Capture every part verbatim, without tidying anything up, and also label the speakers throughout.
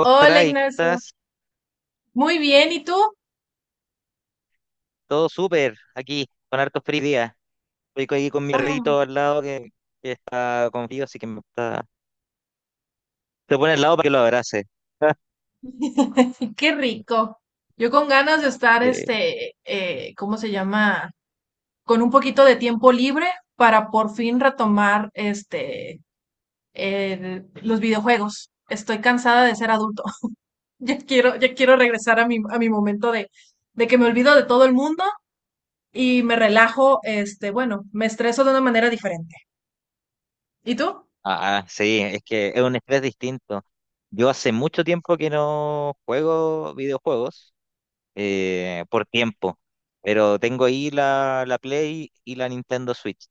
Speaker 1: Hola
Speaker 2: y
Speaker 1: Ignacio,
Speaker 2: estás
Speaker 1: muy bien, ¿y tú?
Speaker 2: todo súper aquí, con hartos frío hoy día. Estoy aquí con mi
Speaker 1: Ah,
Speaker 2: rito al lado que, que está con frío, así que me está. Se pone al lado para que lo abrace.
Speaker 1: y qué rico. Yo con ganas de estar,
Speaker 2: Sí.
Speaker 1: este, eh, ¿cómo se llama? Con un poquito de tiempo libre para por fin retomar, este, el- los videojuegos. Estoy cansada de ser adulto. Ya quiero, ya quiero regresar a mi, a mi momento de, de que me olvido de todo el mundo y me relajo, este, bueno, me estreso de una manera diferente. ¿Y tú?
Speaker 2: Ah, sí, es que es un estrés distinto. Yo hace mucho tiempo que no juego videojuegos eh, por tiempo, pero tengo ahí la, la Play y la Nintendo Switch,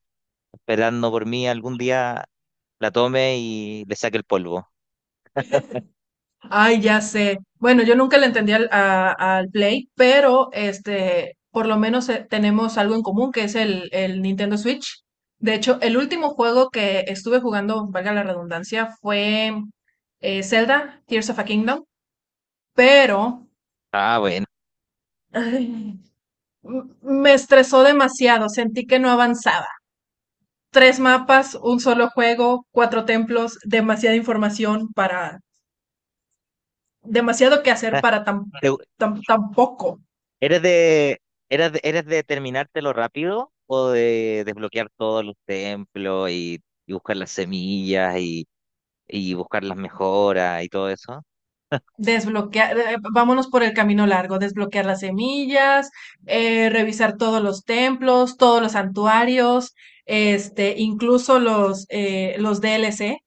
Speaker 2: esperando por mí algún día la tome y le saque el polvo.
Speaker 1: Ay, ya sé. Bueno, yo nunca le entendí al, a- al Play, pero este, por lo menos eh, tenemos algo en común, que es el, el Nintendo Switch. De hecho, el último juego que estuve jugando, valga la redundancia, fue eh, Zelda, Tears of a Kingdom, pero
Speaker 2: Ah, bueno.
Speaker 1: ay, m- me estresó demasiado, sentí que no avanzaba. Tres mapas, un solo juego, cuatro templos, demasiada información para, demasiado que hacer para tan,
Speaker 2: ¿Te,
Speaker 1: tan, tan poco.
Speaker 2: ¿Eres de, eres de, eres de terminártelo rápido o de desbloquear todos los templos y, y buscar las semillas y, y buscar las mejoras y todo eso?
Speaker 1: Desbloquear, eh, eh, vámonos por el camino largo, desbloquear las semillas, eh, revisar todos los templos, todos los santuarios, este, incluso los, eh, los D L C.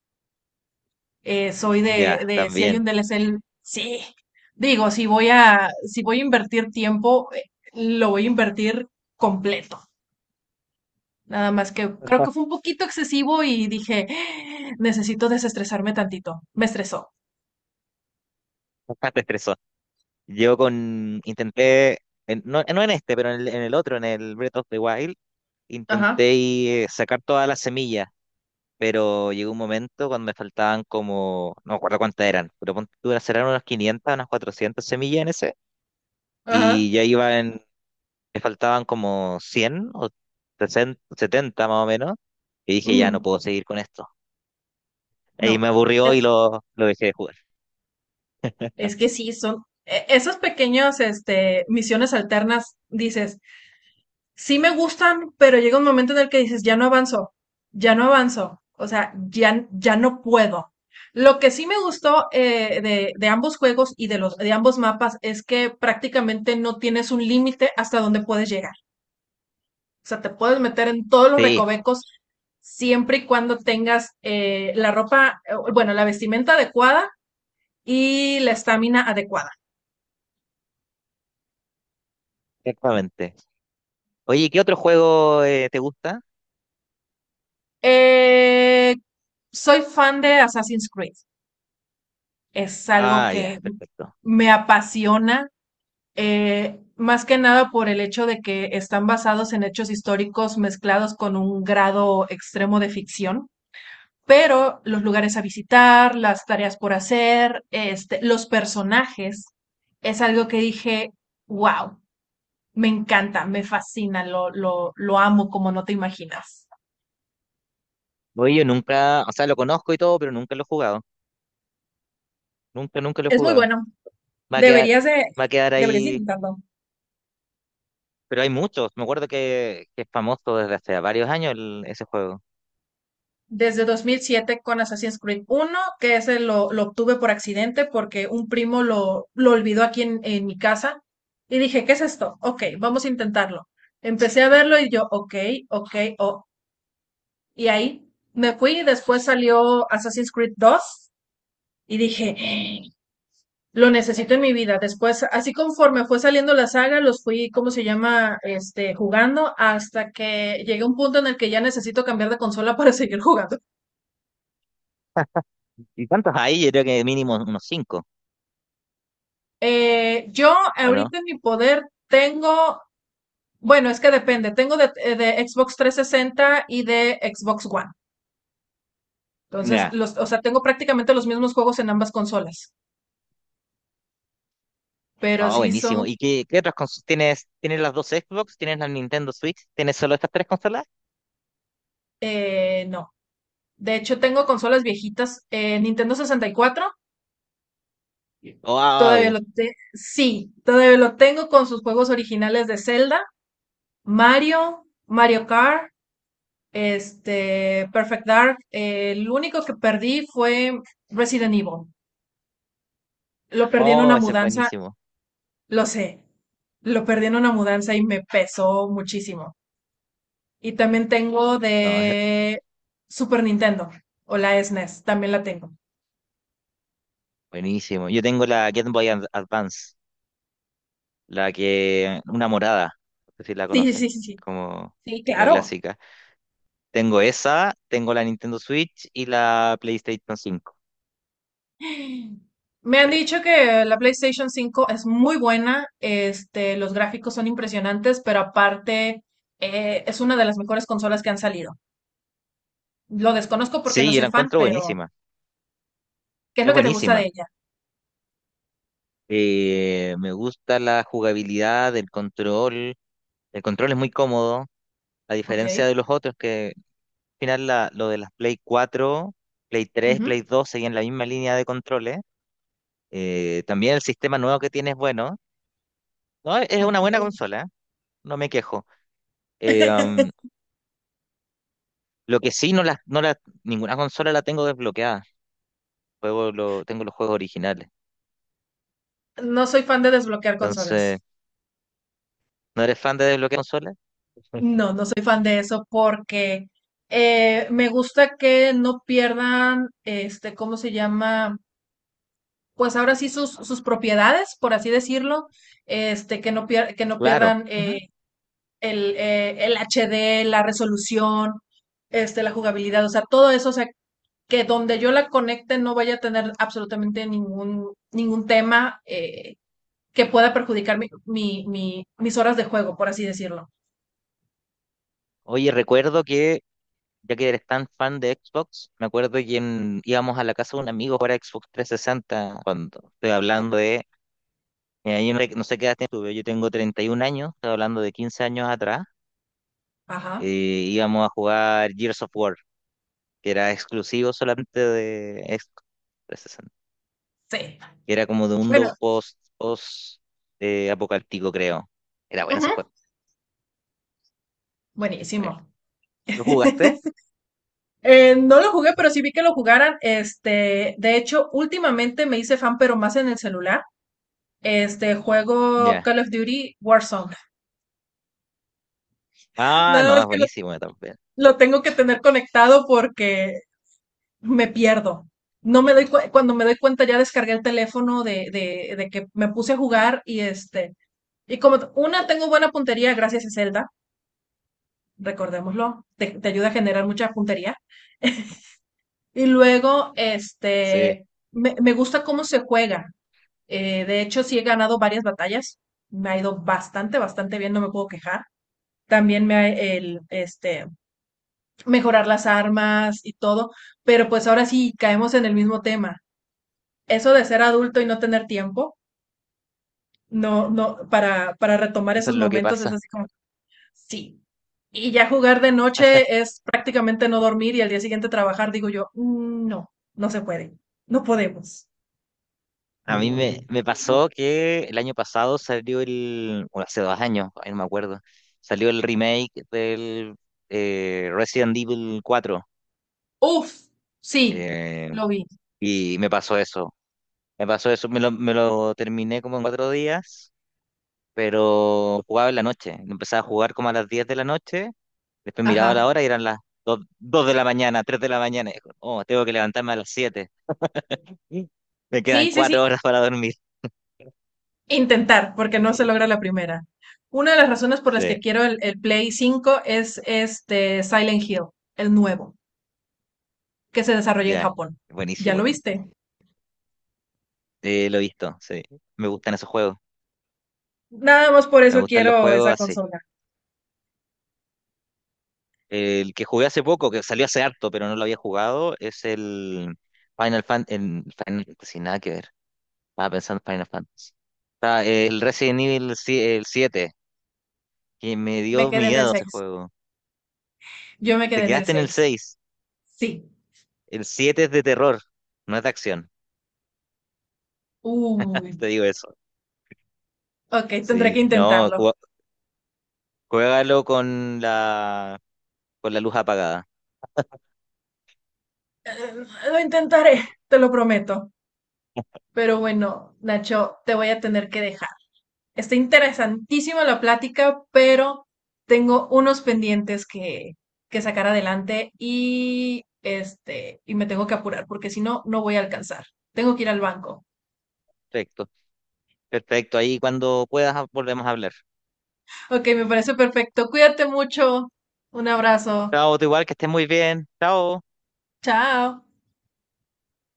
Speaker 1: Eh, soy de,
Speaker 2: Ya,
Speaker 1: de, si hay
Speaker 2: también.
Speaker 1: un D DLC, el- sí. Digo, si voy a, si voy a invertir tiempo, eh, lo voy a invertir completo. Nada más que creo que fue un poquito excesivo y dije, necesito desestresarme tantito. Me estresó.
Speaker 2: Bastante estresó. Yo con, intenté, en- no, no en este, pero en el, en el otro, en el Breath of the Wild,
Speaker 1: Ajá,
Speaker 2: intenté y, eh, sacar todas las semillas, pero llegó un momento cuando me faltaban como, no me acuerdo cuántas eran, pero ponte tú, serán unas quinientas unas cuatrocientas semillas en ese,
Speaker 1: ajá.
Speaker 2: y ya iban me faltaban como cien o sesenta setenta más o menos, y dije, ya no
Speaker 1: Ujú.
Speaker 2: puedo seguir con esto. Y
Speaker 1: No.
Speaker 2: me aburrió y lo, lo dejé de jugar.
Speaker 1: Es que sí, son e- esos pequeños, este, misiones alternas, dices, sí me gustan, pero llega un momento en el que dices, ya no avanzo, ya no avanzo, o sea, ya, ya no puedo. Lo que sí me gustó eh, de, de ambos juegos y de los de ambos mapas es que prácticamente no tienes un límite hasta donde puedes llegar. O sea, te puedes meter en todos los
Speaker 2: Sí, ju-
Speaker 1: recovecos siempre y cuando tengas eh, la ropa, eh, bueno, la vestimenta adecuada y la estamina adecuada.
Speaker 2: exactamente. Oye, ¿qué otro juego eh, te gusta?
Speaker 1: Eh, soy fan de Assassin's Creed. Es algo
Speaker 2: Ah, ya,
Speaker 1: que
Speaker 2: perfecto.
Speaker 1: me apasiona, eh, más que nada por el hecho de que están basados en hechos históricos mezclados con un grado extremo de ficción. Pero los lugares a visitar, las tareas por hacer, este, los personajes, es algo que dije, wow, me encanta, me fascina, lo, lo, lo amo como no te imaginas.
Speaker 2: Oye, yo nunca, o sea, lo conozco y todo, pero nunca lo he jugado. Nunca, nunca lo he
Speaker 1: Es muy
Speaker 2: jugado.
Speaker 1: bueno.
Speaker 2: Va a quedar,
Speaker 1: Deberías de,
Speaker 2: va a quedar
Speaker 1: deberías
Speaker 2: ahí,
Speaker 1: intentarlo.
Speaker 2: pero hay muchos. Me acuerdo que, que es famoso desde hace varios años el- ese juego.
Speaker 1: Desde dos mil siete con Assassin's Creed uno que ese lo, lo obtuve por accidente porque un primo lo, lo olvidó aquí en, en mi casa. Y dije, ¿qué es esto? Ok, vamos a intentarlo. Empecé a verlo y yo, ok, ok, oh. Y ahí me fui y después salió Assassin's Creed dos y dije, "¡Ah! Lo necesito en mi vida. Después, así conforme fue saliendo la saga, los fui, ¿cómo se llama? Este, jugando hasta que llegué a un punto en el que ya necesito cambiar de consola para seguir jugando.
Speaker 2: ¿Y cuántos hay? Yo creo que mínimo unos cinco,
Speaker 1: Eh, yo
Speaker 2: ¿o no?
Speaker 1: ahorita en mi poder tengo, bueno, es que depende, tengo de, eh, de Xbox trescientos sesenta y de Xbox One. Entonces,
Speaker 2: Ya.
Speaker 1: los, o sea, tengo prácticamente los mismos juegos en ambas consolas, pero
Speaker 2: Ah,
Speaker 1: sí
Speaker 2: buenísimo.
Speaker 1: son,
Speaker 2: ¿Y qué, qué otras consolas tienes? ¿Tienes las dos Xbox? ¿Tienes la Nintendo Switch? ¿Tienes solo estas tres consolas?
Speaker 1: eh, no. De hecho, tengo consolas viejitas, eh, Nintendo sesenta y cuatro, todavía
Speaker 2: ¡Wow!
Speaker 1: lo tengo, sí, todavía lo tengo con sus juegos originales de Zelda, Mario, Mario Kart, este, Perfect Dark. Eh, el único que perdí fue Resident Evil. Lo perdí en
Speaker 2: Oh,
Speaker 1: una
Speaker 2: ese es
Speaker 1: mudanza,
Speaker 2: buenísimo.
Speaker 1: lo sé, lo perdí en una mudanza y me pesó muchísimo. Y también tengo
Speaker 2: No, ese es bueno,
Speaker 1: de Super Nintendo o la S N E S, también la tengo.
Speaker 2: buenísimo. Yo tengo la Game Boy Ad- Advance, la que, una morada, no sé si la
Speaker 1: Sí,
Speaker 2: conoces,
Speaker 1: sí, sí, sí,
Speaker 2: como
Speaker 1: sí,
Speaker 2: la
Speaker 1: claro.
Speaker 2: clásica. Tengo esa, tengo la Nintendo Switch y la PlayStation cinco.
Speaker 1: Me han
Speaker 2: Eh,
Speaker 1: dicho que la PlayStation cinco es muy buena, este, los gráficos son impresionantes, pero aparte eh, es una de las mejores consolas que han salido. Lo desconozco porque no
Speaker 2: Sí, yo
Speaker 1: soy
Speaker 2: la
Speaker 1: fan,
Speaker 2: encuentro
Speaker 1: pero
Speaker 2: buenísima.
Speaker 1: ¿qué es
Speaker 2: Es
Speaker 1: lo que te gusta de
Speaker 2: buenísima.
Speaker 1: ella?
Speaker 2: Eh, me gusta la jugabilidad, el control. El control es muy cómodo. A diferencia
Speaker 1: Ok.
Speaker 2: de los otros, que al final la- lo de las Play cuatro, Play tres,
Speaker 1: Ujú,
Speaker 2: Play dos seguían la misma línea de controles. Eh, también el sistema nuevo que tiene es bueno. No, es
Speaker 1: ok.
Speaker 2: una buena consola, ¿eh? No me quejo. Eh, am, lo que sí, no la, no la, ninguna consola la tengo desbloqueada. Juego lo, tengo los juegos originales.
Speaker 1: No soy fan de desbloquear consolas.
Speaker 2: Entonces, ¿no eres fan de desbloquear consolas?
Speaker 1: No, no soy fan de eso porque eh, me gusta que no pierdan, este, ¿cómo se llama? Pues ahora sí sus, sus propiedades, por así decirlo, este, que no pier- que no
Speaker 2: Claro.
Speaker 1: pierdan
Speaker 2: Ujú.
Speaker 1: eh, el, eh, el H D, la resolución, este, la jugabilidad, o sea, todo eso, o sea, que donde yo la conecte no vaya a tener absolutamente ningún, ningún tema eh, que pueda perjudicar mi- mi- mi- mis horas de juego, por así decirlo.
Speaker 2: Oye, recuerdo que, ya que eres tan fan de Xbox, me acuerdo que en- íbamos a la casa de un amigo para Xbox trescientos sesenta cuando estoy hablando de. Mira, yo no, no sé qué edad tuve. Yo tengo treinta y treinta y un años, estoy hablando de quince años atrás.
Speaker 1: Ajá,
Speaker 2: eh, íbamos a jugar Gears of War, que era exclusivo solamente de Xbox trescientos sesenta,
Speaker 1: sí.
Speaker 2: que era como de un mundo
Speaker 1: Bueno,
Speaker 2: post, post eh, apocalíptico, creo. Era bueno ese
Speaker 1: ujú,
Speaker 2: juego. Sí.
Speaker 1: buenísimo.
Speaker 2: ¿Lo jugaste?
Speaker 1: Eh, no lo jugué, pero sí vi que lo jugaran. Este, de hecho, últimamente me hice fan, pero más en el celular. Este, juego
Speaker 2: Ya.
Speaker 1: Call of Duty Warzone.
Speaker 2: Ah,
Speaker 1: Nada
Speaker 2: no,
Speaker 1: más
Speaker 2: es
Speaker 1: que lo,
Speaker 2: buenísimo también.
Speaker 1: lo tengo que tener conectado porque me pierdo. No me doy cue- cuando me doy cuenta ya descargué el teléfono de, de, de que me puse a jugar y este, y como t- una tengo buena puntería gracias a Zelda. Recordémoslo, te, te ayuda a generar mucha puntería. Y luego,
Speaker 2: Sí,
Speaker 1: este, me, me gusta cómo se juega. Eh, de hecho, sí he ganado varias batallas. Me ha ido bastante, bastante bien, no me puedo quejar. También me ha, el, este, mejorar las armas y todo. Pero pues ahora sí caemos en el mismo tema. Eso de ser adulto y no tener tiempo, no, no, para, para retomar
Speaker 2: eso es
Speaker 1: esos
Speaker 2: lo que
Speaker 1: momentos es
Speaker 2: pasa.
Speaker 1: así como, sí. Y ya jugar de noche es prácticamente no dormir y al día siguiente trabajar, digo yo, "Mm, no, no se puede, no podemos.
Speaker 2: A mí me, me pasó que el año pasado salió el, o hace dos años, ay, no me acuerdo, salió el remake del eh, Resident Evil cuatro
Speaker 1: Uf, sí,
Speaker 2: eh,
Speaker 1: lo vi.
Speaker 2: y me pasó eso, me pasó eso, me lo, me lo terminé como en cuatro días, pero jugaba en la noche, empezaba a jugar como a las diez de la noche, después miraba
Speaker 1: Ajá.
Speaker 2: la hora y eran las dos dos de la mañana, tres de la mañana, y dijo, oh, tengo que levantarme a las siete. Me quedan
Speaker 1: Sí, sí, sí.
Speaker 2: cuatro horas para dormir.
Speaker 1: Intentar, porque no se
Speaker 2: Oh,
Speaker 1: logra la primera. Una de las razones por las que
Speaker 2: sí,
Speaker 1: quiero el, el Play cinco es este Silent Hill, el nuevo, que se desarrolla en
Speaker 2: ya,
Speaker 1: Japón. ¿Ya
Speaker 2: buenísimo.
Speaker 1: lo viste?
Speaker 2: Eh, lo he visto, sí. Me gustan esos juegos.
Speaker 1: Nada más por
Speaker 2: Me
Speaker 1: eso
Speaker 2: gustan los
Speaker 1: quiero
Speaker 2: juegos
Speaker 1: esa
Speaker 2: así.
Speaker 1: consola.
Speaker 2: El que jugué hace poco, que salió hace harto, pero no lo había jugado, es el Final Fan, el Final Fantasy, nada que ver. Estaba pensando en Final Fantasy. Está eh, el Resident Evil, si- el siete, que me
Speaker 1: Me
Speaker 2: dio
Speaker 1: quedé en el
Speaker 2: miedo ese
Speaker 1: seis.
Speaker 2: juego.
Speaker 1: Yo me
Speaker 2: Te
Speaker 1: quedé en el
Speaker 2: quedaste en el
Speaker 1: seis.
Speaker 2: seis.
Speaker 1: Sí.
Speaker 2: El siete es de terror, no es de acción.
Speaker 1: Uy.
Speaker 2: Te digo eso.
Speaker 1: Ok, tendré que
Speaker 2: Sí, no,
Speaker 1: intentarlo.
Speaker 2: ju- juégalo con la con la luz apagada.
Speaker 1: Eh, Lo intentaré, te lo prometo. Pero bueno, Nacho, te voy a tener que dejar. Está interesantísima la plática, pero tengo unos pendientes que, que sacar adelante y este, y me tengo que apurar porque si no, no voy a alcanzar. Tengo que ir al banco.
Speaker 2: Perfecto. Perfecto, ahí cuando puedas ah, volvemos a hablar.
Speaker 1: Ok, me parece perfecto. Cuídate mucho. Un abrazo.
Speaker 2: Chao, tú igual, que estés muy bien. Chao.
Speaker 1: Chao.